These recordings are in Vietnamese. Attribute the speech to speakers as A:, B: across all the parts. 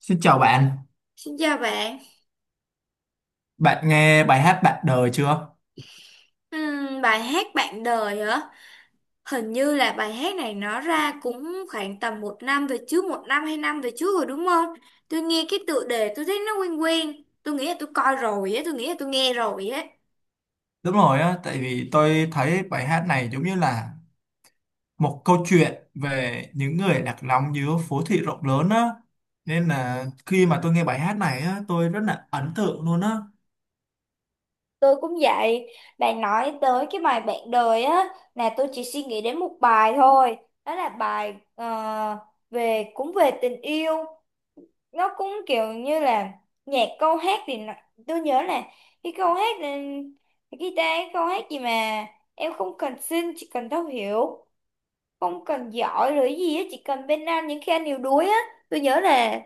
A: Xin chào bạn,
B: Xin chào bạn.
A: bạn nghe bài hát Bạn đời chưa?
B: Bài hát Bạn đời hả? Hình như là bài hát này nó ra cũng khoảng tầm một năm về trước, một năm hai năm về trước rồi đúng không? Tôi nghe cái tựa đề tôi thấy nó quen quen. Tôi nghĩ là tôi coi rồi á, tôi nghĩ là tôi nghe rồi á.
A: Đúng rồi á, tại vì tôi thấy bài hát này giống như là một câu chuyện về những người lạc lõng giữa phố thị rộng lớn á. Nên là khi mà tôi nghe bài hát này á, tôi rất là ấn tượng luôn á.
B: Tôi cũng vậy. Bạn nói tới cái bài Bạn đời á, là tôi chỉ suy nghĩ đến một bài thôi. Đó là bài về cũng về tình yêu. Nó cũng kiểu như là nhạc, câu hát thì tôi nhớ là cái câu hát, cái guitar, cái câu hát gì mà em không cần xin chỉ cần thấu hiểu, không cần giỏi rồi cái gì á, chỉ cần bên anh những khi anh yếu đuối á. Tôi nhớ là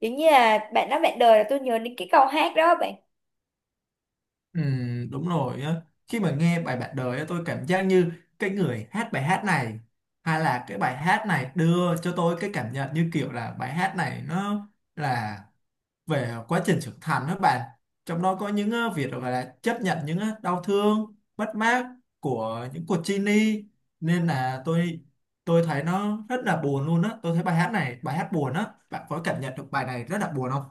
B: giống như là bạn nói bạn đời, là tôi nhớ đến cái câu hát đó bạn.
A: Ừ, đúng rồi á, khi mà nghe bài Bạn đời á, tôi cảm giác như cái người hát bài hát này hay là cái bài hát này đưa cho tôi cái cảm nhận như kiểu là bài hát này nó là về quá trình trưởng thành đó bạn, trong đó có những việc gọi là chấp nhận những đau thương mất mát của những cuộc chia ly. Nên là tôi thấy nó rất là buồn luôn á, tôi thấy bài hát này bài hát buồn á, bạn có cảm nhận được bài này rất là buồn không?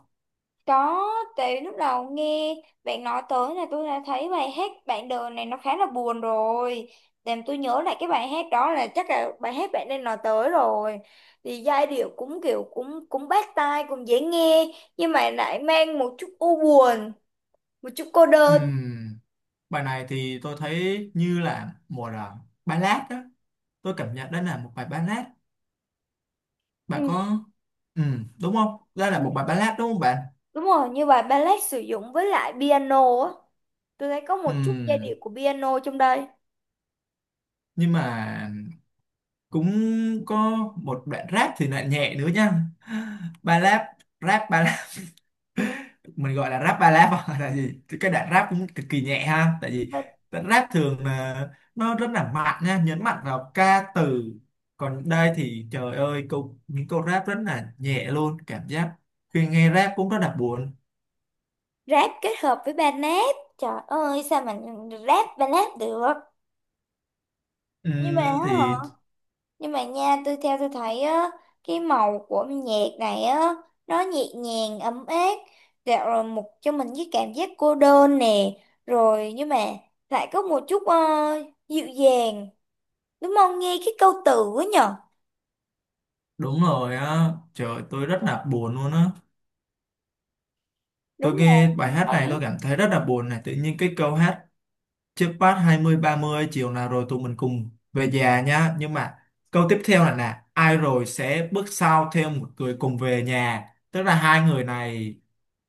B: Đó, tại lúc đầu nghe bạn nói tới là tôi đã thấy bài hát bạn đời này nó khá là buồn rồi. Làm tôi nhớ lại cái bài hát đó, là chắc là bài hát bạn nên nói tới rồi. Thì giai điệu cũng kiểu cũng cũng bắt tai, cũng dễ nghe nhưng mà lại mang một chút u buồn, một chút cô đơn.
A: Ừm, Bài này thì tôi thấy như là một là ballad đó, tôi cảm nhận đây là một bài ballad
B: Ừ,
A: bạn có đúng không, đây là một bài ballad đúng không bạn?
B: đúng rồi, như bài ballad sử dụng với lại piano á. Tôi thấy có một chút giai
A: Ừm,
B: điệu của piano trong đây.
A: nhưng mà cũng có một đoạn rap thì lại nhẹ nữa nha, ballad rap ballad, mình gọi là rap ballad hoặc là gì. Thì cái đoạn rap cũng cực kỳ nhẹ ha, tại vì
B: Và
A: đoạn rap thường là nó rất là mạnh nha, nhấn mạnh vào ca từ, còn đây thì trời ơi câu những câu rap rất là nhẹ luôn, cảm giác khi nghe rap cũng rất là buồn.
B: rap kết hợp với ballad. Trời ơi, sao mà rap ballad được? nhưng mà á hả
A: Thì
B: nhưng mà nha, tôi tôi thấy á, cái màu của nhạc này á, nó nhẹ nhàng ấm áp. Dạ, rồi một cho mình cái cảm giác cô đơn nè, rồi nhưng mà lại có một chút dịu dàng, đúng không, nghe cái câu từ á nhở?
A: đúng rồi á, trời tôi rất là buồn luôn á,
B: Đúng
A: tôi nghe bài hát này
B: rồi.
A: tôi cảm thấy rất là buồn này. Tự nhiên cái câu hát trước phát 20 30 chiều nào rồi tụi mình cùng về nhà nhá, nhưng mà câu tiếp theo là nè ai rồi sẽ bước sau theo một người cùng về nhà, tức là hai người này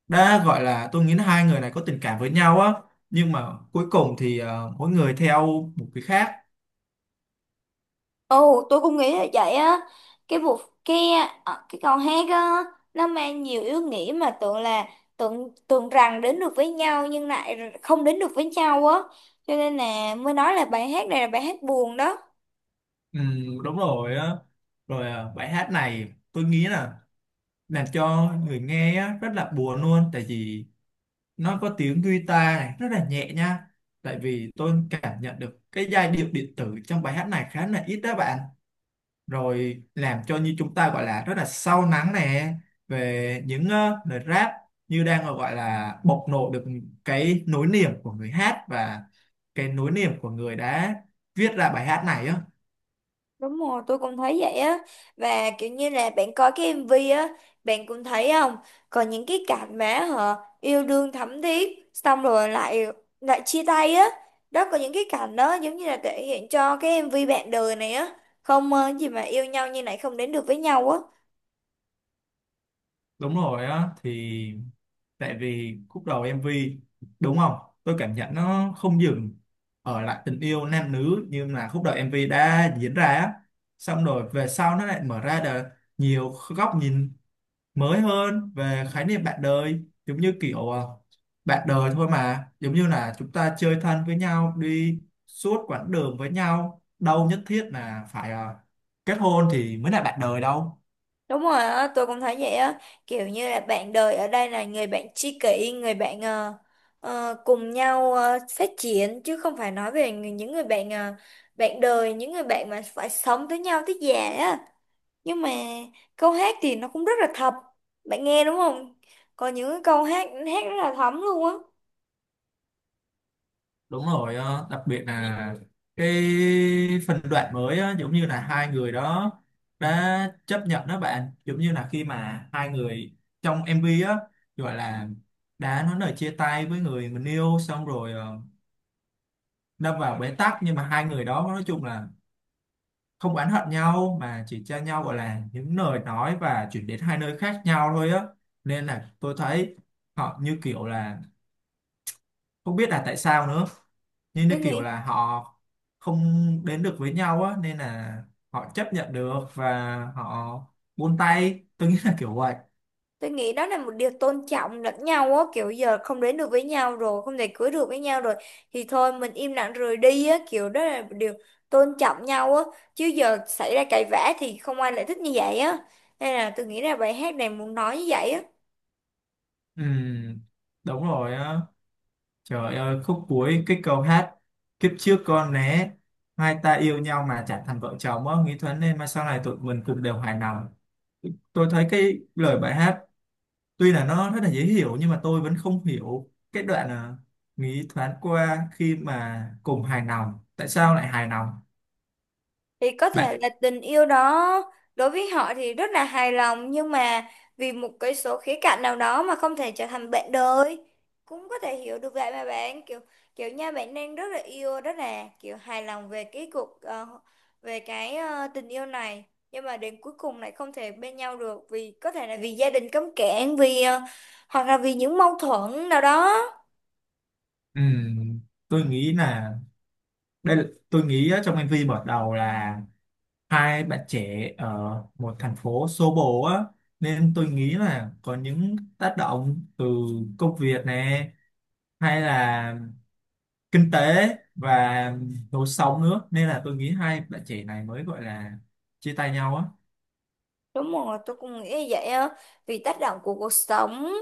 A: đã gọi là, tôi nghĩ là hai người này có tình cảm với nhau á, nhưng mà cuối cùng thì mỗi người theo một cái khác.
B: Ồ, tôi cũng nghĩ là vậy á. Cái vụ, cái cái câu hát á, nó mang nhiều ý nghĩa, mà tưởng là tưởng tưởng rằng đến được với nhau nhưng lại không đến được với nhau á. Cho nên là mới nói là bài hát này là bài hát buồn đó.
A: Ừ, đúng rồi á, rồi bài hát này tôi nghĩ là làm cho người nghe á, rất là buồn luôn, tại vì nó có tiếng guitar này rất là nhẹ nha, tại vì tôi cảm nhận được cái giai điệu điện tử trong bài hát này khá là ít đó bạn, rồi làm cho như chúng ta gọi là rất là sâu lắng nè, về những lời rap như đang gọi là bộc lộ được cái nỗi niềm của người hát và cái nỗi niềm của người đã viết ra bài hát này á.
B: Đúng rồi, tôi cũng thấy vậy á. Và kiểu như là bạn coi cái MV á, bạn cũng thấy không? Còn những cái cảnh mà họ yêu đương thắm thiết, xong rồi lại lại chia tay á. Đó, có những cái cảnh đó giống như là thể hiện cho cái MV bạn đời này á. Không gì mà yêu nhau như này không đến được với nhau á.
A: Đúng rồi á, thì tại vì khúc đầu MV đúng không, tôi cảm nhận nó không dừng ở lại tình yêu nam nữ, nhưng là khúc đầu MV đã diễn ra á, xong rồi về sau nó lại mở ra được nhiều góc nhìn mới hơn về khái niệm bạn đời, giống như kiểu bạn đời thôi mà giống như là chúng ta chơi thân với nhau đi suốt quãng đường với nhau, đâu nhất thiết là phải kết hôn thì mới là bạn đời đâu.
B: Đúng rồi á, tôi cũng thấy vậy á, kiểu như là bạn đời ở đây là người bạn tri kỷ, người bạn cùng nhau phát triển, chứ không phải nói về những người bạn, bạn đời, những người bạn mà phải sống với nhau tới già á. Nhưng mà câu hát thì nó cũng rất là thật, bạn nghe đúng không? Có những cái câu hát hát rất là thấm luôn á.
A: Đúng rồi đặc biệt là cái phần đoạn mới á, giống như là hai người đó đã chấp nhận đó bạn, giống như là khi mà hai người trong MV á gọi là đã nói lời chia tay với người mình yêu, xong rồi đâm vào bế tắc, nhưng mà hai người đó nói chung là không oán hận nhau mà chỉ cho nhau gọi là những lời nói và chuyển đến hai nơi khác nhau thôi á. Nên là tôi thấy họ như kiểu là không biết là tại sao nữa, như như
B: Tôi
A: kiểu
B: nghĩ
A: là họ không đến được với nhau á, nên là họ chấp nhận được và họ buông tay, tôi nghĩ là kiểu vậy.
B: Tôi nghĩ đó là một điều tôn trọng lẫn nhau á, kiểu giờ không đến được với nhau rồi, không thể cưới được với nhau rồi thì thôi mình im lặng rời đi á, kiểu đó là một điều tôn trọng nhau á, chứ giờ xảy ra cãi vã thì không ai lại thích như vậy á. Nên là tôi nghĩ là bài hát này muốn nói như vậy á.
A: Ừm, Đúng rồi á, trời ơi khúc cuối cái câu hát kiếp trước con né hai ta yêu nhau mà chẳng thành vợ chồng á, nghĩ thoáng nên mà sau này tụi mình cũng đều hài lòng. Tôi thấy cái lời bài hát tuy là nó rất là dễ hiểu nhưng mà tôi vẫn không hiểu cái đoạn nghĩ thoáng qua khi mà cùng hài lòng, tại sao lại hài lòng
B: Thì có thể
A: bạn?
B: là tình yêu đó đối với họ thì rất là hài lòng, nhưng mà vì một cái số khía cạnh nào đó mà không thể trở thành bạn đời, cũng có thể hiểu được vậy mà bạn, kiểu kiểu nha, bạn đang rất là yêu, rất là kiểu hài lòng về cái tình yêu này, nhưng mà đến cuối cùng lại không thể bên nhau được, vì có thể là vì gia đình cấm cản, vì hoặc là vì những mâu thuẫn nào đó.
A: Ừ, tôi nghĩ là đây là, tôi nghĩ á, trong MV mở đầu là hai bạn trẻ ở một thành phố xô bồ á, nên tôi nghĩ là có những tác động từ công việc này hay là kinh tế và lối sống nữa, nên là tôi nghĩ hai bạn trẻ này mới gọi là chia tay nhau á.
B: Đúng rồi, tôi cũng nghĩ như vậy á. Vì tác động của cuộc sống,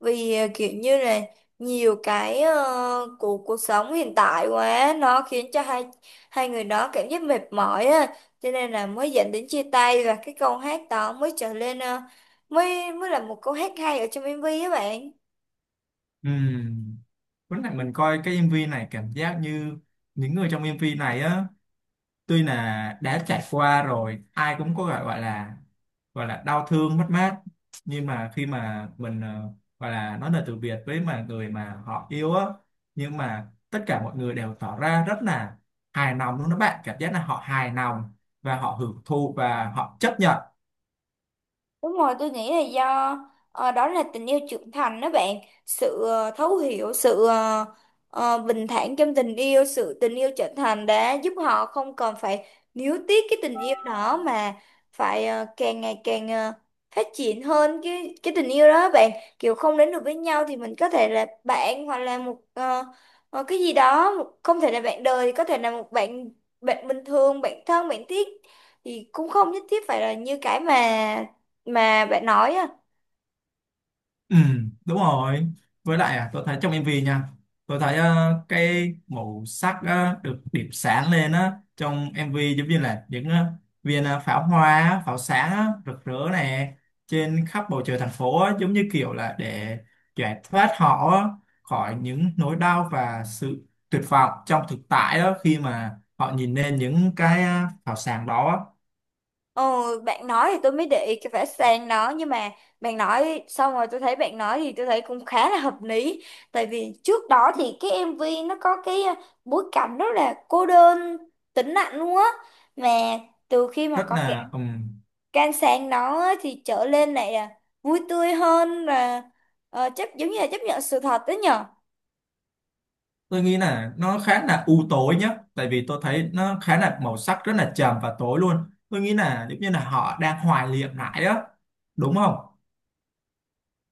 B: vì kiểu như là nhiều cái của cuộc sống hiện tại quá, nó khiến cho hai hai người đó cảm giác mệt mỏi á, cho nên là mới dẫn đến chia tay, và cái câu hát đó mới trở lên mới mới là một câu hát hay ở trong MV á bạn.
A: Ừ. Lúc này mình coi cái MV này cảm giác như những người trong MV này á tuy là đã trải qua rồi ai cũng có gọi gọi là đau thương mất mát, nhưng mà khi mà mình gọi là nói lời từ biệt với mà người mà họ yêu á, nhưng mà tất cả mọi người đều tỏ ra rất là hài lòng luôn đó bạn, cảm giác là họ hài lòng và họ hưởng thụ và họ chấp nhận.
B: Đúng rồi, tôi nghĩ là do đó là tình yêu trưởng thành đó bạn, sự thấu hiểu, sự bình thản trong tình yêu, sự tình yêu trưởng thành đã giúp họ không còn phải níu tiếc cái tình yêu đó, mà phải càng ngày càng phát triển hơn cái tình yêu đó bạn, kiểu không đến được với nhau thì mình có thể là bạn, hoặc là một cái gì đó, một, không thể là bạn đời, thì có thể là một bạn, bình thường, bạn thân, bạn thiết, thì cũng không nhất thiết phải là như cái mà bạn nói á.
A: Ừ, đúng rồi. Với lại tôi thấy trong MV nha, tôi thấy cái màu sắc được điểm sáng lên á trong MV, giống như là những viên pháo hoa, á, pháo sáng á, rực rỡ nè trên khắp bầu trời thành phố á, giống như kiểu là để giải thoát họ á, khỏi những nỗi đau và sự tuyệt vọng trong thực tại đó khi mà họ nhìn lên những cái pháo sáng đó á.
B: Ờ, Bạn nói thì tôi mới để ý cái vẽ sang đó, nhưng mà bạn nói xong rồi, tôi thấy bạn nói thì tôi thấy cũng khá là hợp lý, tại vì trước đó thì cái MV nó có cái bối cảnh rất là cô đơn, tĩnh lặng luôn á, mà từ khi mà
A: Rất
B: có cái
A: là ừ,
B: can sang đó á, thì trở lên này là vui tươi hơn và ờ, chấp giống như là chấp nhận sự thật đó nhở.
A: tôi nghĩ là nó khá là u tối nhá, tại vì tôi thấy nó khá là màu sắc rất là trầm và tối luôn, tôi nghĩ là giống như là họ đang hoài niệm lại đó đúng không?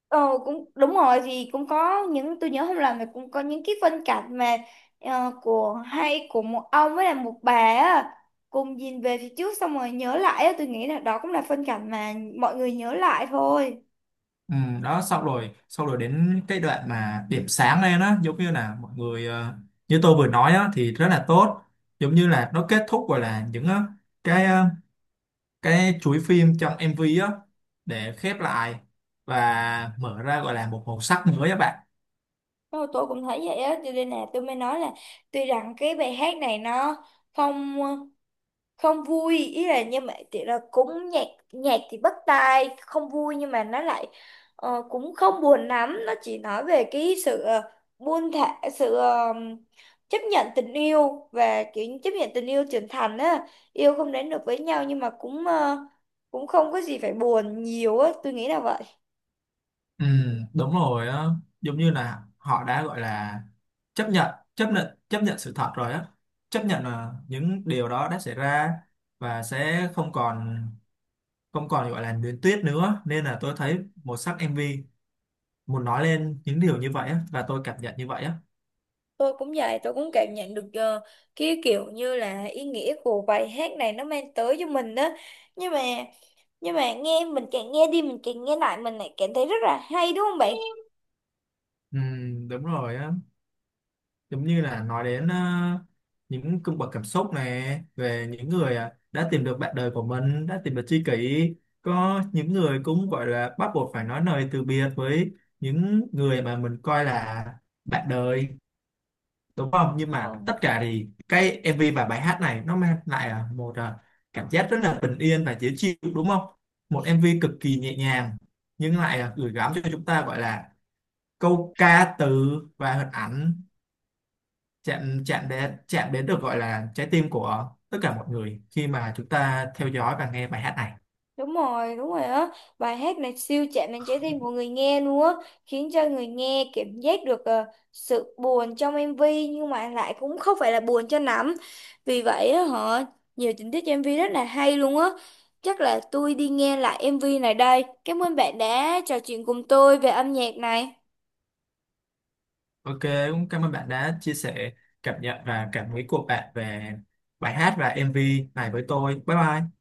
B: Ờ, cũng đúng rồi, thì cũng có những, tôi nhớ không làm, thì cũng có những cái phân cảnh mà của, hay của một ông với là một bà á, cùng nhìn về phía trước xong rồi nhớ lại á, tôi nghĩ là đó cũng là phân cảnh mà mọi người nhớ lại thôi.
A: Ừ, đó xong rồi đến cái đoạn mà điểm sáng lên á, giống như là mọi người như tôi vừa nói á thì rất là tốt, giống như là nó kết thúc gọi là những cái ờ, cái chuỗi phim trong MV á để khép lại và mở ra gọi là một màu sắc mới các bạn.
B: Thôi, tôi cũng thấy vậy á, cho nên là tôi mới nói là tuy rằng cái bài hát này nó không không vui, ý là nhưng mà thì là cũng nhạc, thì bắt tai không vui, nhưng mà nó lại cũng không buồn lắm, nó chỉ nói về cái sự buông thả, sự chấp nhận tình yêu, và kiểu như chấp nhận tình yêu trưởng thành á, yêu không đến được với nhau nhưng mà cũng cũng không có gì phải buồn nhiều á, tôi nghĩ là vậy.
A: Ừ, đúng rồi á, giống như là họ đã gọi là chấp nhận sự thật rồi á, chấp nhận là những điều đó đã xảy ra và sẽ không còn gọi là luyến tiếc nữa, nên là tôi thấy màu sắc em MV muốn nói lên những điều như vậy á và tôi cảm nhận như vậy á.
B: Tôi cũng vậy, tôi cũng cảm nhận được cái kiểu như là ý nghĩa của bài hát này nó mang tới cho mình đó, nhưng mà nghe mình càng nghe đi, mình càng nghe lại, mình lại cảm thấy rất là hay, đúng không bạn?
A: Ừ, đúng rồi á, giống như là nói đến những cung bậc cảm xúc này về những người đã tìm được bạn đời của mình, đã tìm được tri kỷ, có những người cũng gọi là bắt buộc phải nói lời từ biệt với những người mà mình coi là bạn đời đúng không, nhưng mà
B: Ờ.
A: tất cả thì cái MV và bài hát này nó mang lại một cảm giác rất là bình yên và dễ chịu đúng không, một MV cực kỳ nhẹ nhàng nhưng lại gửi gắm cho chúng ta gọi là câu ca từ và hình ảnh chạm chạm đến được gọi là trái tim của tất cả mọi người khi mà chúng ta theo dõi và nghe bài hát này.
B: Đúng rồi, đúng rồi á, bài hát này siêu chạm đến trái tim của người nghe luôn á, khiến cho người nghe cảm giác được sự buồn trong MV, nhưng mà lại cũng không phải là buồn cho lắm, vì vậy á họ nhiều tình tiết trong MV rất là hay luôn á. Chắc là tôi đi nghe lại MV này đây. Cảm ơn bạn đã trò chuyện cùng tôi về âm nhạc này.
A: Ok, cũng cảm ơn bạn đã chia sẻ cảm nhận và cảm nghĩ của bạn về bài hát và MV này với tôi. Bye bye.